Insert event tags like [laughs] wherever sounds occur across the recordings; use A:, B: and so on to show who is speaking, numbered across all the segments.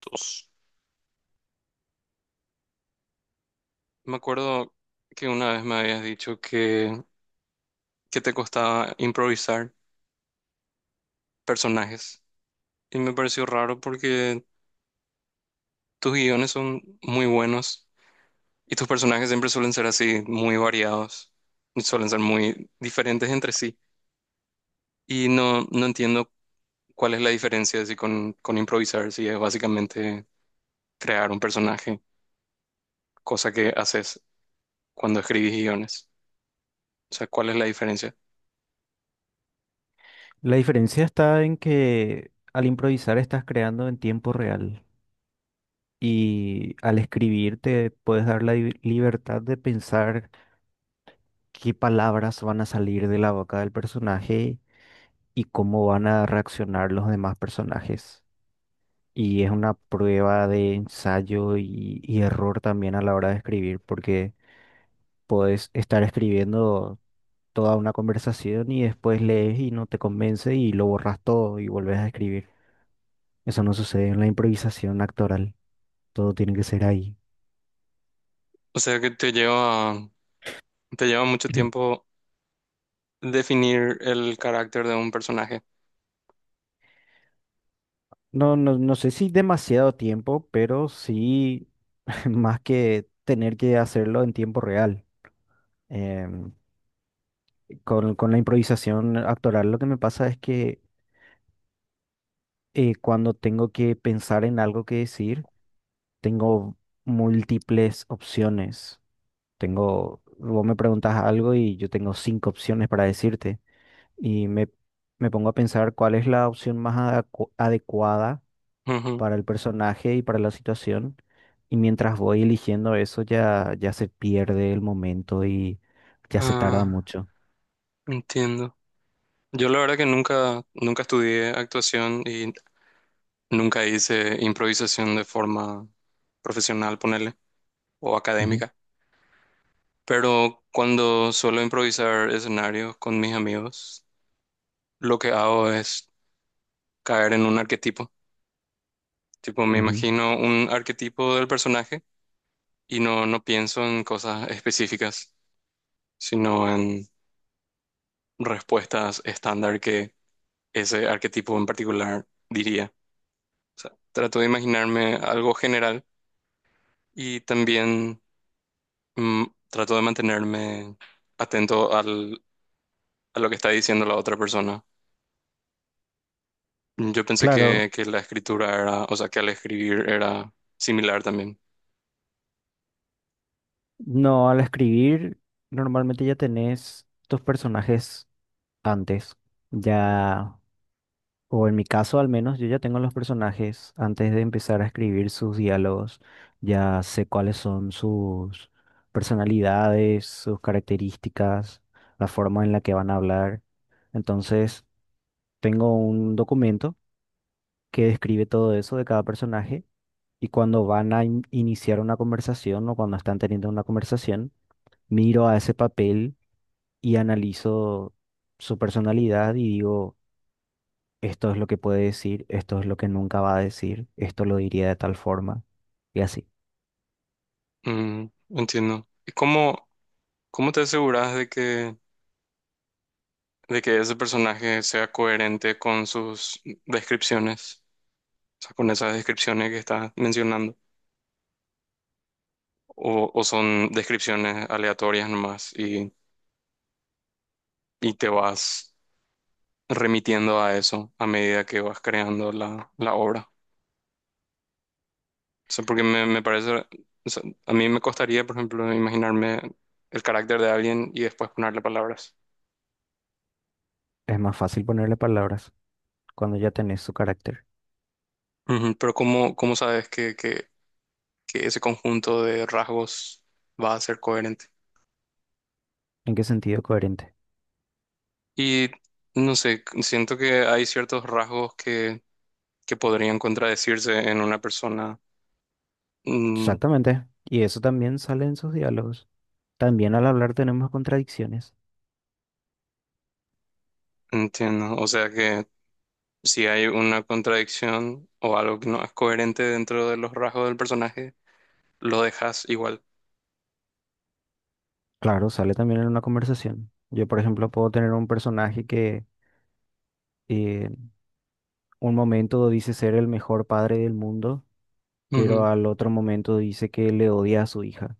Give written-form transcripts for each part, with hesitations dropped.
A: Dos. Me acuerdo que una vez me habías dicho que te costaba improvisar personajes y me pareció raro porque tus guiones son muy buenos y tus personajes siempre suelen ser así, muy variados, y suelen ser muy diferentes entre sí y no entiendo cuál es la diferencia así con improvisar, si es básicamente crear un personaje, cosa que haces cuando escribís guiones. O sea, ¿cuál es la diferencia?
B: La diferencia está en que al improvisar estás creando en tiempo real y al escribir te puedes dar la libertad de pensar qué palabras van a salir de la boca del personaje y cómo van a reaccionar los demás personajes. Y es una prueba de ensayo y error también a la hora de escribir, porque puedes estar escribiendo toda una conversación y después lees y no te convence y lo borras todo y vuelves a escribir. Eso no sucede en la improvisación actoral. Todo tiene que ser ahí.
A: O sea, que te lleva mucho
B: [clears throat]
A: tiempo definir el carácter de un personaje.
B: No, no, no sé si demasiado tiempo, pero sí [laughs] más que tener que hacerlo en tiempo real. Em, con la improvisación actoral lo que me pasa es que cuando tengo que pensar en algo que decir, tengo múltiples opciones. Tengo, vos me preguntas algo y yo tengo 5 opciones para decirte. Y me, me pongo a pensar cuál es la opción más adecuada
A: Ujú.
B: para el personaje y para la situación. Y mientras voy eligiendo eso, ya, ya se pierde el momento y ya se tarda
A: Ah,
B: mucho.
A: entiendo. Yo la verdad que nunca, nunca estudié actuación y nunca hice improvisación de forma profesional, ponerle, o académica. Pero cuando suelo improvisar escenarios con mis amigos, lo que hago es caer en un arquetipo. Tipo, me
B: Ujú, ujú.
A: imagino un arquetipo del personaje y no pienso en cosas específicas, sino en respuestas estándar que ese arquetipo en particular, diría. O sea, trato de imaginarme algo general y también trato de mantenerme atento a lo que está diciendo la otra persona. Yo pensé
B: Claro,
A: que la escritura era, o sea, que al escribir era similar también.
B: no, al escribir normalmente ya tenés tus personajes antes. Ya O en mi caso, al menos, yo ya tengo los personajes. Antes de empezar a escribir sus diálogos, ya sé cuáles son sus personalidades, sus características, la forma en la que van a hablar. Entonces, tengo un documento que describe todo eso de cada personaje y cuando van a iniciar una conversación o cuando están teniendo una conversación, miro a ese papel y analizo su personalidad y digo, esto es lo que puede decir, esto es lo que nunca va a decir, esto lo diría de tal forma y así.
A: Mm, entiendo. ¿Y cómo, cómo te aseguras de de que ese personaje sea coherente con sus descripciones? O sea, con esas descripciones que estás mencionando. O son descripciones aleatorias nomás y te vas remitiendo a eso a medida que vas creando la obra. O sea, porque me parece, o sea, a mí me costaría, por ejemplo, imaginarme el carácter de alguien y después ponerle palabras.
B: Es más fácil ponerle palabras cuando ya tenés su carácter.
A: Ujú. Pero ¿cómo, cómo sabes que ese conjunto de rasgos va a ser coherente?
B: ¿En qué sentido coherente?
A: Y no sé, siento que hay ciertos rasgos que podrían contradecirse en una persona. Mm.
B: Exactamente. Y eso también sale en sus diálogos. También al hablar tenemos contradicciones.
A: Entiendo, o sea que si hay una contradicción o algo que no es coherente dentro de los rasgos del personaje, lo dejas igual.
B: Claro, sale también en una conversación. Yo, por ejemplo, puedo tener un personaje que eh, un momento dice ser el mejor padre del mundo, pero
A: Ujú,
B: al otro momento dice que le odia a su hija.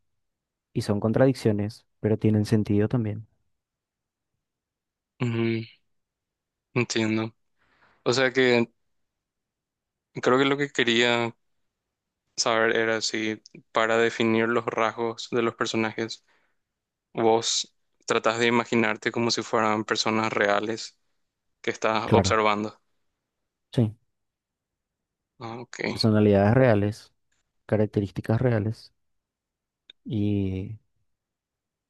B: Y son contradicciones, pero tienen sentido también.
A: ujú, entiendo. O sea que creo que lo que quería saber era si para definir los rasgos de los personajes, vos tratás de imaginarte como si fueran personas reales que estás
B: Claro.
A: observando.
B: Sí,
A: Ah, ok.
B: personalidades reales, características reales, y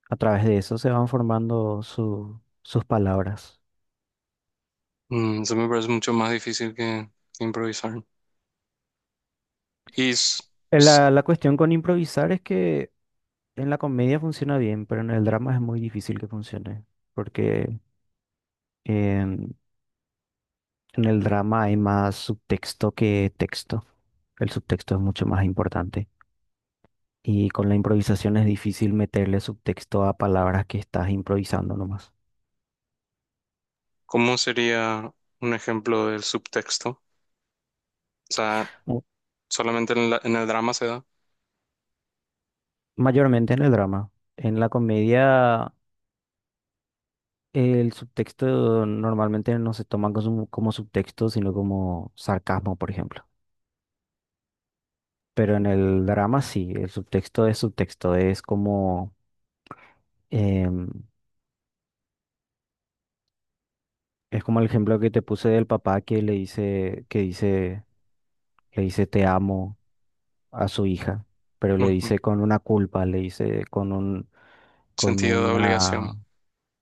B: a través de eso se van formando sus palabras.
A: Mm, eso me parece mucho más difícil que improvisar. ¿Y s-
B: La cuestión con improvisar es que en la comedia funciona bien, pero en el drama es muy difícil que funcione, porque en, en el drama hay más subtexto que texto. El subtexto es mucho más importante. Y con la improvisación es difícil meterle subtexto a palabras que estás improvisando nomás.
A: cómo sería un ejemplo del subtexto? O sea,
B: O-
A: solamente en, en el drama se da.
B: Mayormente en el drama. En la comedia, el subtexto normalmente no se toma como, como subtexto, sino como sarcasmo, por ejemplo. Pero en el drama sí, el subtexto, es como, em, es como el ejemplo que te puse del papá que le dice, que dice, le dice te amo a su hija, pero le
A: Ujú.
B: dice con una culpa, le dice con un, con
A: Sentido de obligación.
B: una,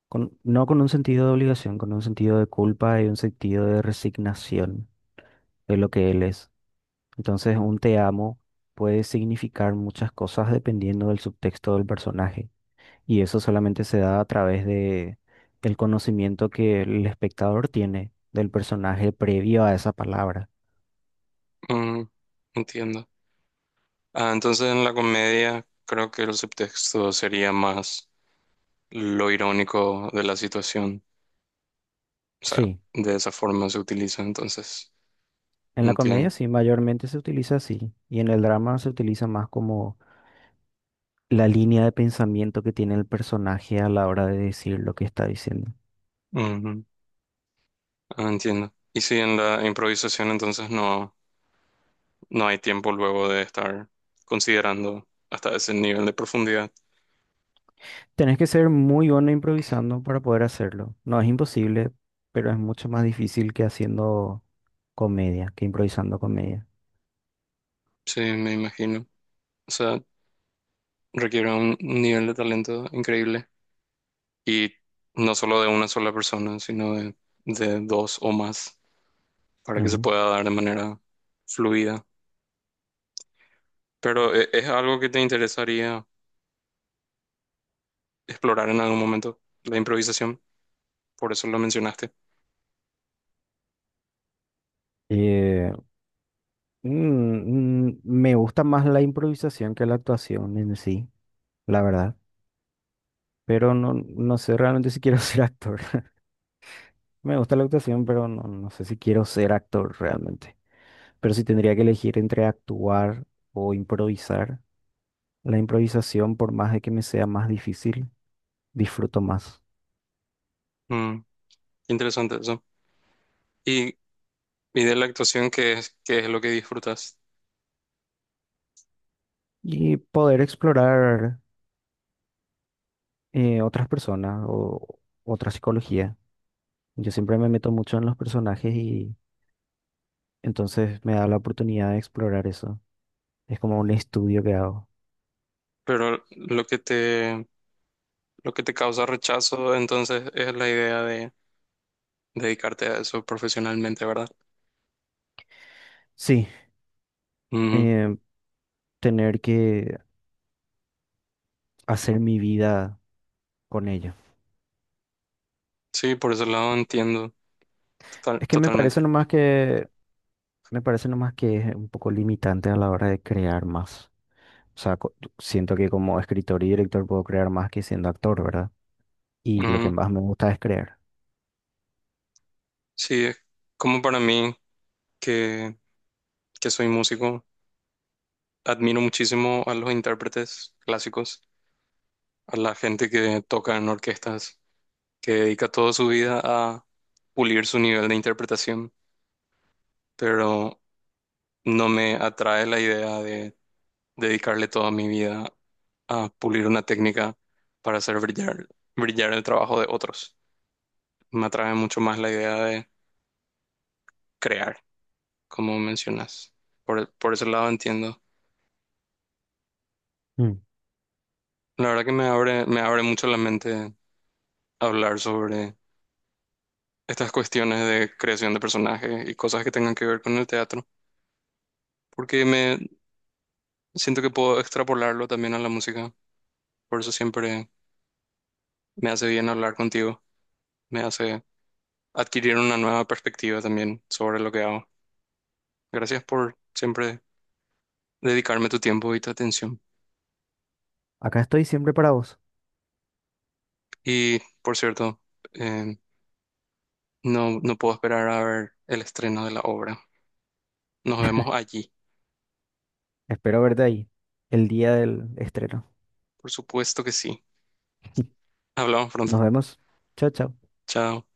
B: no con un sentido de obligación, con un sentido de culpa y un sentido de resignación de lo que él es. Entonces, un te amo puede significar muchas cosas dependiendo del subtexto del personaje. Y eso solamente se da a través de el conocimiento que el espectador tiene del personaje previo a esa palabra.
A: Mm, entiendo. Ah, entonces en la comedia creo que el subtexto sería más lo irónico de la situación. O sea,
B: Sí,
A: de esa forma se utiliza, entonces.
B: en la comedia
A: Entiendo.
B: sí, mayormente se utiliza así. Y en el drama se utiliza más como la línea de pensamiento que tiene el personaje a la hora de decir lo que está diciendo.
A: Ujú. Ah, entiendo. Y si en la improvisación entonces no hay tiempo luego de estar considerando hasta ese nivel de profundidad.
B: Tenés que ser muy bueno improvisando para poder hacerlo. No es imposible, pero es mucho más difícil que haciendo comedia, que improvisando comedia.
A: Sí, me imagino. O sea, requiere un nivel de talento increíble. Y no solo de una sola persona, sino de dos o más, para que se
B: Ujú.
A: pueda dar de manera fluida. Pero es algo que te interesaría explorar en algún momento, la improvisación, por eso lo mencionaste.
B: Eh, mm, me gusta más la improvisación que la actuación en sí, la verdad. Pero no, no sé realmente si quiero [laughs] ser actor. Me gusta la actuación, pero no, no sé si quiero ser actor realmente. Pero si tendría que elegir entre actuar o improvisar, la improvisación, por más de que me sea más difícil, disfruto más.
A: Mm, interesante eso. Y, y de la actuación, qué es lo que disfrutas?
B: Y poder explorar otras personas o otra psicología. Yo siempre me meto mucho en los personajes y entonces me da la oportunidad de explorar eso. Es como un estudio que hago.
A: Pero lo que te causa rechazo, entonces, es la idea de dedicarte a eso profesionalmente, ¿verdad?
B: Sí,
A: Ujú.
B: eh, tener que hacer mi vida con ello.
A: Sí, por ese lado entiendo
B: Es que me
A: totalmente.
B: parece nomás que me parece nomás que es un poco limitante a la hora de crear más. O sea, siento que como escritor y director puedo crear más que siendo actor, ¿verdad? Y lo que más me gusta es crear.
A: Sí, es como para mí, que, que soy músico, admiro muchísimo a los intérpretes clásicos, a la gente que toca en orquestas, que dedica toda su vida a pulir su nivel de interpretación, pero no me atrae la idea de dedicarle toda mi vida a pulir una técnica para hacer brillar, brillar el trabajo de otros. Me atrae mucho más la idea de crear, como mencionas. Por ese lado entiendo.
B: Mm.
A: La verdad que me abre mucho la mente hablar sobre estas cuestiones de creación de personajes y cosas que tengan que ver con el teatro, porque me siento que puedo extrapolarlo también a la música. Por eso siempre me hace bien hablar contigo, me hace adquirir una nueva perspectiva también sobre lo que hago. Gracias por siempre dedicarme tu tiempo y tu atención.
B: Acá estoy siempre para vos.
A: Y por cierto, eh, no puedo esperar a ver el estreno de la obra. Nos vemos allí.
B: Espero verte ahí el día del estreno.
A: Por supuesto que sí.
B: [laughs]
A: Hablamos pronto.
B: Nos vemos. Chao, chao.
A: Chao.